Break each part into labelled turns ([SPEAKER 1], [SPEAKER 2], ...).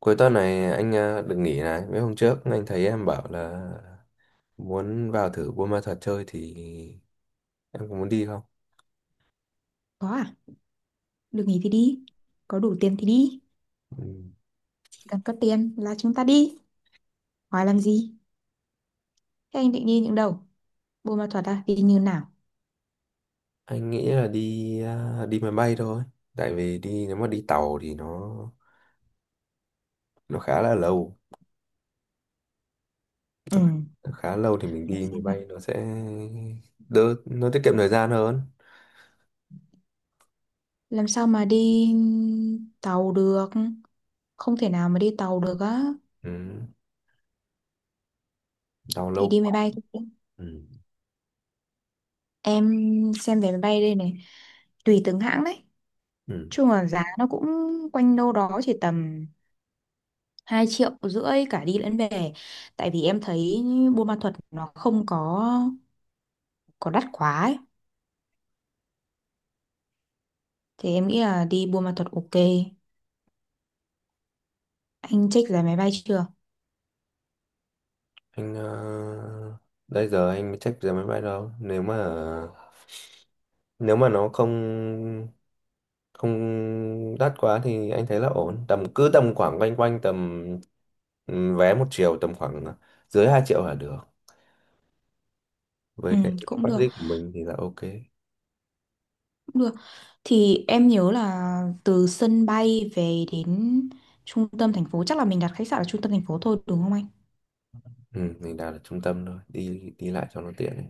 [SPEAKER 1] Cuối tuần này anh à, được nghỉ này. Mấy hôm trước anh thấy em bảo là muốn vào thử Buôn Ma Thuột chơi thì em có muốn đi không?
[SPEAKER 2] Có à? Được nghỉ thì đi. Có đủ tiền thì đi.
[SPEAKER 1] Ừ.
[SPEAKER 2] Chỉ cần có tiền là chúng ta đi. Hỏi làm gì? Thế anh định đi những đâu? Buôn Ma Thuột à? Đi như nào?
[SPEAKER 1] Anh nghĩ là đi máy bay thôi. Tại vì đi nếu mà đi tàu thì nó khá là lâu.
[SPEAKER 2] Ừ.
[SPEAKER 1] Nó, khá- nó khá lâu thì mình
[SPEAKER 2] Làm
[SPEAKER 1] đi máy
[SPEAKER 2] sao mà
[SPEAKER 1] bay nó sẽ đỡ nó tiết kiệm thời gian hơn.
[SPEAKER 2] làm sao mà đi tàu được? Không thể nào mà đi tàu được á.
[SPEAKER 1] Ừ. Tàu
[SPEAKER 2] Thì
[SPEAKER 1] lâu
[SPEAKER 2] đi máy
[SPEAKER 1] quá.
[SPEAKER 2] bay thôi.
[SPEAKER 1] Ừ.
[SPEAKER 2] Em xem vé máy bay đây này. Tùy từng hãng đấy.
[SPEAKER 1] Ừ.
[SPEAKER 2] Chung là giá nó cũng quanh đâu đó chỉ tầm 2,5 triệu cả đi lẫn về. Tại vì em thấy Buôn Ma Thuột nó không có đắt quá ấy. Thì em nghĩ là đi Buôn Ma Thuột ok. Anh check giá máy bay chưa?
[SPEAKER 1] Anh à, đây giờ anh mới check giờ máy bay đâu. Nếu mà nó không không đắt quá thì anh thấy là ổn, tầm cứ tầm khoảng quanh quanh tầm vé 1 triệu, tầm khoảng dưới 2 triệu là được
[SPEAKER 2] Ừ,
[SPEAKER 1] với cái
[SPEAKER 2] cũng được,
[SPEAKER 1] budget của mình thì là ok.
[SPEAKER 2] cũng được. Thì em nhớ là từ sân bay về đến trung tâm thành phố, chắc là mình đặt khách sạn ở trung tâm thành phố thôi đúng không anh?
[SPEAKER 1] Ừ, mình đặt ở trung tâm thôi, đi đi lại cho nó tiện ấy.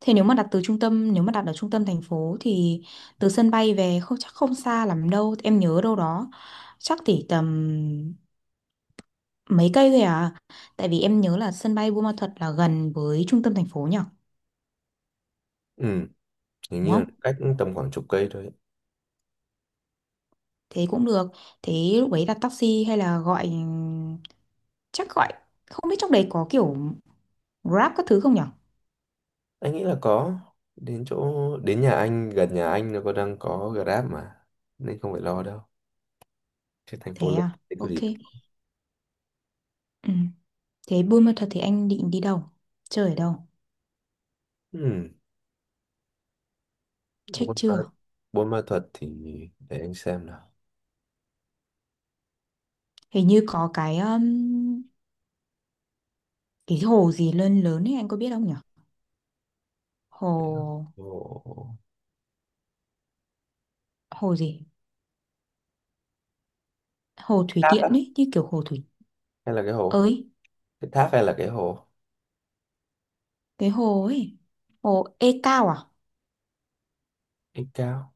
[SPEAKER 2] Thế nếu mà đặt từ trung tâm, nếu mà đặt ở trung tâm thành phố thì từ sân bay về không chắc không xa lắm đâu. Em nhớ đâu đó chắc chỉ tầm mấy cây thôi à. Tại vì em nhớ là sân bay Buôn Ma Thuột là gần với trung tâm thành phố nhỉ?
[SPEAKER 1] Ừ, hình
[SPEAKER 2] Đúng
[SPEAKER 1] như là
[SPEAKER 2] không?
[SPEAKER 1] cách tầm khoảng chục cây thôi.
[SPEAKER 2] Thế cũng được. Thế lúc ấy đặt taxi hay là gọi, chắc gọi, không biết trong đấy có kiểu Grab các thứ không nhở?
[SPEAKER 1] Anh nghĩ là có. đến chỗ Đến nhà anh, gần nhà anh nó có đang có Grab mà, nên không phải lo đâu, chứ thành phố
[SPEAKER 2] Thế
[SPEAKER 1] lớn
[SPEAKER 2] à?
[SPEAKER 1] thì có
[SPEAKER 2] Ok,
[SPEAKER 1] gì.
[SPEAKER 2] ừ. Thế Buôn Ma Thuột thì anh định đi đâu, chơi ở đâu,
[SPEAKER 1] Ừ.
[SPEAKER 2] check
[SPEAKER 1] buôn ma,
[SPEAKER 2] chưa?
[SPEAKER 1] Buôn Ma Thuật thì để anh xem nào.
[SPEAKER 2] Hình như có cái hồ gì lớn lớn ấy anh có biết không nhở? hồ
[SPEAKER 1] Hồ
[SPEAKER 2] hồ gì? Hồ thủy
[SPEAKER 1] tháp
[SPEAKER 2] điện
[SPEAKER 1] á
[SPEAKER 2] ấy, như kiểu hồ thủy.
[SPEAKER 1] hay là cái hồ,
[SPEAKER 2] Ơi,
[SPEAKER 1] cái tháp hay là cái hồ?
[SPEAKER 2] cái hồ ấy, hồ Ê Cao à?
[SPEAKER 1] Ít cao,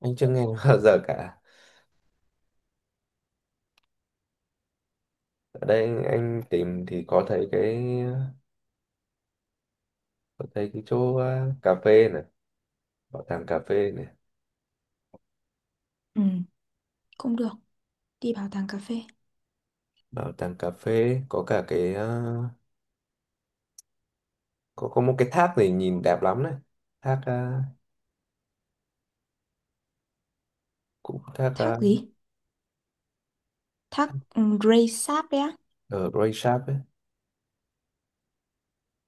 [SPEAKER 1] anh chưa nghe bao giờ cả. Ở đây anh tìm thì có thấy cái, có thấy cái chỗ cà phê này, bảo tàng cà phê này.
[SPEAKER 2] Ừ, cũng được, đi bảo tàng cà phê.
[SPEAKER 1] Bảo tàng cà phê có cả có một cái tháp này nhìn đẹp lắm này. thác à, cũng thác
[SPEAKER 2] Thác
[SPEAKER 1] à,
[SPEAKER 2] gì? Thác, Grey Sáp đấy á.
[SPEAKER 1] ở Grey Shark ấy.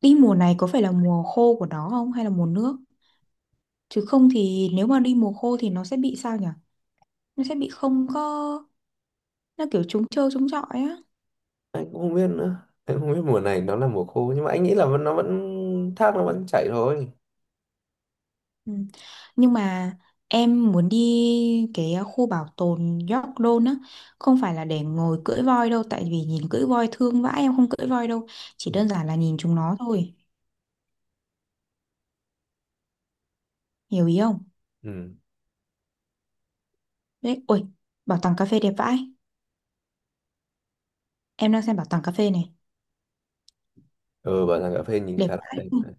[SPEAKER 2] Đi mùa này có phải là mùa khô của nó không hay là mùa nước? Chứ không thì nếu mà đi mùa khô thì nó sẽ bị sao nhỉ? Nó sẽ bị không có, nó kiểu trống trơ trống trọi á.
[SPEAKER 1] Anh cũng không biết nữa, anh không biết mùa này nó là mùa khô, nhưng mà anh nghĩ là nó vẫn thác, nó vẫn chảy thôi.
[SPEAKER 2] Ừ. Nhưng mà em muốn đi cái khu bảo tồn York Don á, không phải là để ngồi cưỡi voi đâu, tại vì nhìn cưỡi voi thương vãi, em không cưỡi voi đâu, chỉ
[SPEAKER 1] Ừ.
[SPEAKER 2] đơn giản là nhìn chúng nó thôi. Hiểu ý không?
[SPEAKER 1] Ừ.
[SPEAKER 2] Đấy, ôi, bảo tàng cà phê đẹp vãi. Em đang xem bảo tàng cà phê này,
[SPEAKER 1] Ừ, bảo rằng cà phê nhìn
[SPEAKER 2] đẹp
[SPEAKER 1] khá là
[SPEAKER 2] vãi,
[SPEAKER 1] đẹp đấy.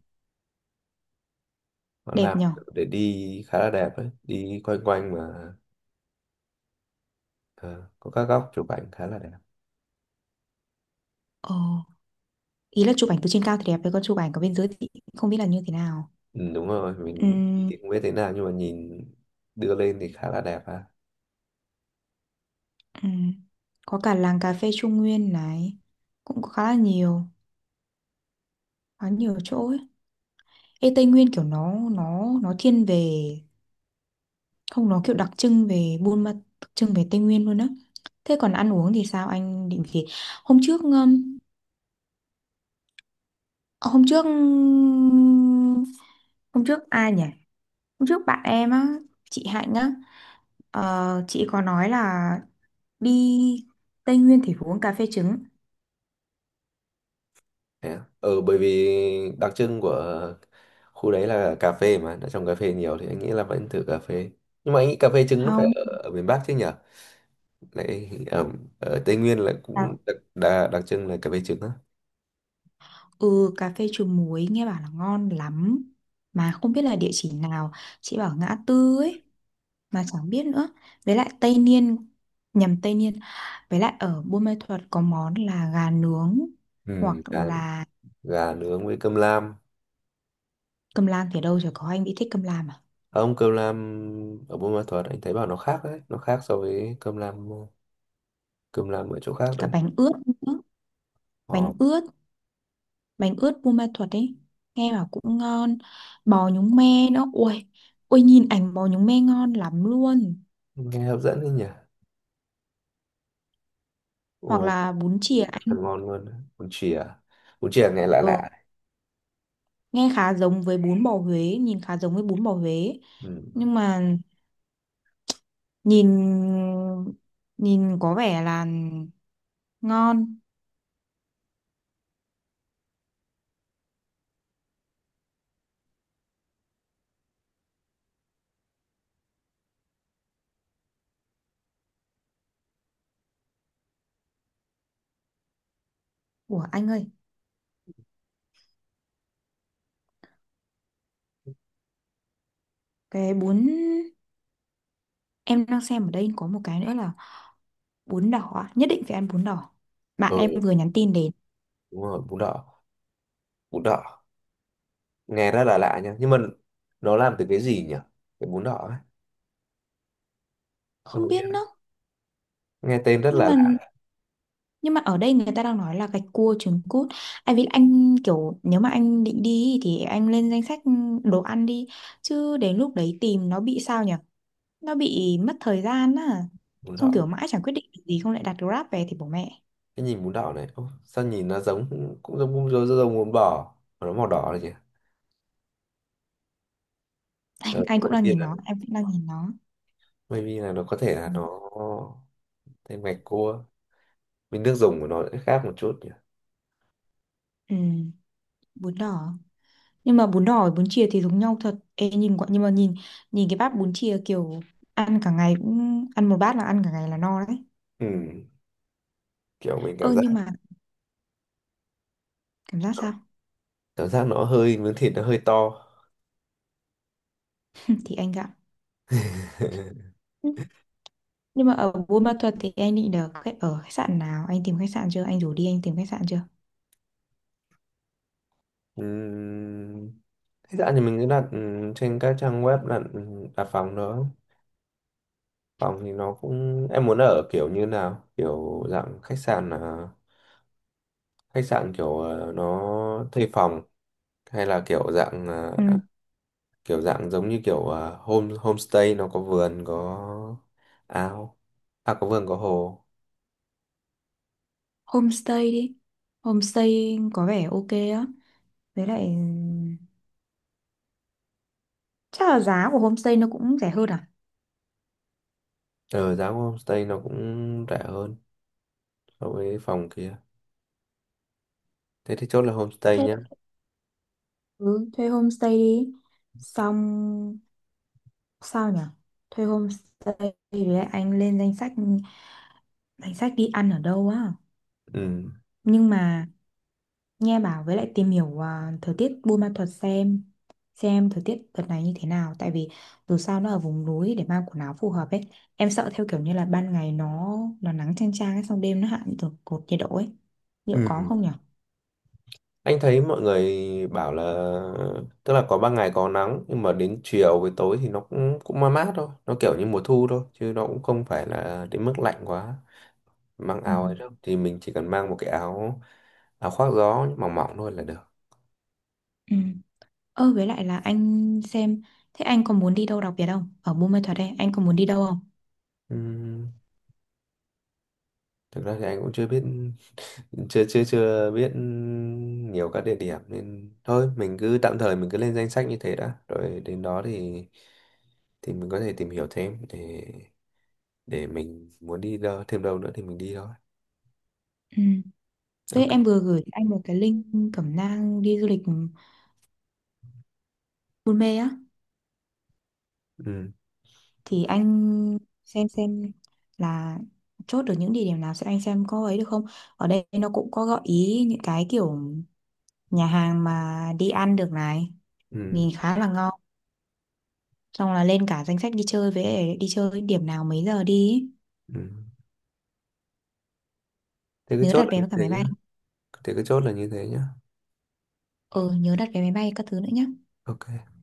[SPEAKER 1] Họ
[SPEAKER 2] đẹp
[SPEAKER 1] làm
[SPEAKER 2] nhở.
[SPEAKER 1] kiểu để đi khá là đẹp đấy. Đi quanh quanh mà ờ, có các góc chụp ảnh khá là đẹp.
[SPEAKER 2] Ờ, ý là chụp ảnh từ trên cao thì đẹp, với con chụp ảnh ở bên dưới thì không biết là như thế nào.
[SPEAKER 1] Ừ, đúng rồi, mình đi
[SPEAKER 2] Ừm,
[SPEAKER 1] thì không biết thế nào nhưng mà nhìn đưa lên thì khá là đẹp ha.
[SPEAKER 2] ừm, có cả làng cà phê Trung Nguyên này, cũng có khá là nhiều, khá nhiều chỗ ấy. Ê, Tây Nguyên kiểu nó thiên về, không, nó kiểu đặc trưng về Buôn Ma, đặc trưng về Tây Nguyên luôn á. Thế còn ăn uống thì sao, anh định gì? Hôm trước um, hôm trước hôm trước ai nhỉ? Hôm trước bạn em á, chị Hạnh á. Ờ, chị có nói là đi Tây Nguyên thì phải uống cà phê trứng.
[SPEAKER 1] Thế à? Ừ, bởi vì đặc trưng của khu đấy là cà phê mà, đã trồng cà phê nhiều thì anh nghĩ là vẫn thử cà phê. Nhưng mà anh nghĩ cà phê trứng nó phải
[SPEAKER 2] Không.
[SPEAKER 1] ở miền Bắc chứ nhở? Lại ở, ở Tây Nguyên là cũng
[SPEAKER 2] À,
[SPEAKER 1] đặc trưng là cà phê trứng á.
[SPEAKER 2] ừ, cà phê trứng muối nghe bảo là ngon lắm, mà không biết là địa chỉ nào. Chị bảo ngã tư ấy, mà chẳng biết nữa. Với lại Tây Niên, nhầm, Tây Niên, với lại ở Buôn Ma Thuột có món là gà nướng,
[SPEAKER 1] Ừ,
[SPEAKER 2] hoặc
[SPEAKER 1] gà,
[SPEAKER 2] là
[SPEAKER 1] gà nướng với cơm lam.
[SPEAKER 2] cơm lam thì đâu rồi, có anh bị thích cơm lam à?
[SPEAKER 1] Ông cơm lam ở Buôn Ma Thuột anh thấy bảo nó khác đấy, nó khác so với cơm lam ở chỗ khác
[SPEAKER 2] Cả
[SPEAKER 1] đấy.
[SPEAKER 2] bánh ướt nữa, bánh
[SPEAKER 1] Ồ,
[SPEAKER 2] ướt, bánh ướt Buôn Ma Thuột ấy, nghe bảo cũng ngon. Bò nhúng me nữa, ui ui, nhìn ảnh bò nhúng me ngon lắm luôn.
[SPEAKER 1] nghe hấp dẫn đấy nhỉ.
[SPEAKER 2] Hoặc
[SPEAKER 1] Ồ,
[SPEAKER 2] là bún chìa
[SPEAKER 1] nhìn rất
[SPEAKER 2] anh.
[SPEAKER 1] là ngon luôn. Đấy. Bún chìa nghe lạ
[SPEAKER 2] Ừ,
[SPEAKER 1] lạ.
[SPEAKER 2] nghe khá giống với bún bò Huế, nhìn khá giống với bún bò Huế,
[SPEAKER 1] Ừ.
[SPEAKER 2] nhưng mà nhìn, nhìn có vẻ là ngon, của anh ơi, cái bún em đang xem ở đây có một cái nữa là bún đỏ á, nhất định phải ăn bún đỏ. Bạn
[SPEAKER 1] Ừ,
[SPEAKER 2] em vừa nhắn tin đến.
[SPEAKER 1] đúng rồi, bún đỏ nghe rất là lạ nha. Nhưng mà nó làm từ cái gì nhỉ? Cái bún đỏ ấy. Ông
[SPEAKER 2] Không
[SPEAKER 1] có
[SPEAKER 2] biết
[SPEAKER 1] biết?
[SPEAKER 2] nữa,
[SPEAKER 1] Nghe tên rất
[SPEAKER 2] nhưng
[SPEAKER 1] là
[SPEAKER 2] mà
[SPEAKER 1] lạ,
[SPEAKER 2] nhưng mà ở đây người ta đang nói là gạch cua trứng cút. Anh biết, anh kiểu nếu mà anh định đi thì anh lên danh sách đồ ăn đi, chứ đến lúc đấy tìm nó bị sao nhỉ, nó bị mất thời gian á,
[SPEAKER 1] bún
[SPEAKER 2] xong
[SPEAKER 1] đỏ.
[SPEAKER 2] kiểu mãi chẳng quyết định được gì, không lại đặt Grab về thì bố mẹ.
[SPEAKER 1] Cái nhìn bún đỏ này, ô, sao nhìn nó giống, cũng giống bún, giống giống bún bò, mà nó màu đỏ này nhỉ? Ừ,
[SPEAKER 2] Anh cũng đang nhìn nó, em cũng đang nhìn nó.
[SPEAKER 1] maybe là nó, có thể là
[SPEAKER 2] Ừ.
[SPEAKER 1] nó thế, ngạch cua với nước dùng của nó sẽ khác một chút nhỉ.
[SPEAKER 2] Ừ, bún đỏ, nhưng mà bún đỏ với bún chìa thì giống nhau thật. Ê, nhìn nhưng mà nhìn, nhìn cái bát bún chia kiểu ăn cả ngày, cũng ăn một bát là ăn cả ngày là no đấy.
[SPEAKER 1] Ừ. Kiểu mình
[SPEAKER 2] Ơ
[SPEAKER 1] cảm giác,
[SPEAKER 2] nhưng mà, cảm giác sao?
[SPEAKER 1] cảm giác nó hơi, miếng thịt nó hơi to.
[SPEAKER 2] Ừ, thì anh gạo. Ừ, nhưng mà ở Buôn Ma Thuột thì anh định được khách ở khách sạn nào, anh tìm khách sạn chưa, anh rủ đi anh tìm khách sạn chưa?
[SPEAKER 1] Ừm, thế dạo thì mình cứ đặt trên các trang web đặt, đặt phòng đó. Phòng thì nó cũng, em muốn ở kiểu như nào? Kiểu dạng khách sạn là khách sạn kiểu nó thuê phòng, hay là
[SPEAKER 2] Ừ.
[SPEAKER 1] kiểu dạng giống như kiểu homestay nó có vườn có ao, à có vườn có hồ.
[SPEAKER 2] Homestay đi, homestay có vẻ ok á, với lại chắc là giá của homestay nó cũng rẻ hơn à.
[SPEAKER 1] Ờ giá của homestay nó cũng rẻ hơn so với phòng kia. Thế thì chốt là homestay
[SPEAKER 2] Thế
[SPEAKER 1] nhá.
[SPEAKER 2] ừ, thuê homestay đi, xong sao nhỉ, thuê homestay, với lại anh lên danh sách, danh sách đi ăn ở đâu á.
[SPEAKER 1] Ừ.
[SPEAKER 2] Nhưng mà nghe bảo, với lại tìm hiểu thời tiết Buôn Ma Thuột, xem thời tiết đợt này như thế nào, tại vì dù sao nó ở vùng núi, để mang quần áo phù hợp ấy. Em sợ theo kiểu như là ban ngày nó nắng chang chang ấy, xong đêm nó hạ như từ cột nhiệt độ ấy, liệu có
[SPEAKER 1] Ừ.
[SPEAKER 2] không nhỉ?
[SPEAKER 1] Anh thấy mọi người bảo là, tức là có ban ngày có nắng nhưng mà đến chiều với tối thì nó cũng cũng mát mát thôi, nó kiểu như mùa thu thôi chứ nó cũng không phải là đến mức lạnh quá. Mang
[SPEAKER 2] Ừ.
[SPEAKER 1] áo ấy đâu thì mình chỉ cần mang một cái áo, áo khoác gió mỏng mỏng thôi là được.
[SPEAKER 2] Ừ. Ơ với lại là anh xem, thế anh còn muốn đi đâu đặc biệt không? Ở Buôn Ma Thuột đây, anh còn muốn đi đâu không?
[SPEAKER 1] Ừ. Thực ra thì anh cũng chưa biết, chưa chưa chưa biết nhiều các địa điểm, nên thôi mình cứ tạm thời mình cứ lên danh sách như thế đã, rồi đến đó thì mình có thể tìm hiểu thêm để mình muốn đi đâu thêm đâu nữa thì mình đi thôi.
[SPEAKER 2] Ừ. Với
[SPEAKER 1] Ok.
[SPEAKER 2] em vừa gửi anh một cái link cẩm nang đi du lịch Buôn Mê á.
[SPEAKER 1] Ừ.
[SPEAKER 2] Thì anh xem là chốt được những địa điểm nào. Sẽ anh xem có ấy được không? Ở đây nó cũng có gợi ý những cái kiểu nhà hàng mà đi ăn được này,
[SPEAKER 1] Ừ.
[SPEAKER 2] nhìn khá là ngon. Xong là lên cả danh sách đi chơi, với đi chơi điểm nào mấy giờ đi ý.
[SPEAKER 1] Ừ. Thế cứ
[SPEAKER 2] Nhớ
[SPEAKER 1] chốt
[SPEAKER 2] đặt
[SPEAKER 1] là
[SPEAKER 2] vé
[SPEAKER 1] như
[SPEAKER 2] với cả
[SPEAKER 1] thế
[SPEAKER 2] máy
[SPEAKER 1] nhá.
[SPEAKER 2] bay.
[SPEAKER 1] Thế cứ chốt là như thế nhá.
[SPEAKER 2] Ừ, nhớ đặt vé máy bay các thứ nữa nhá.
[SPEAKER 1] Ok.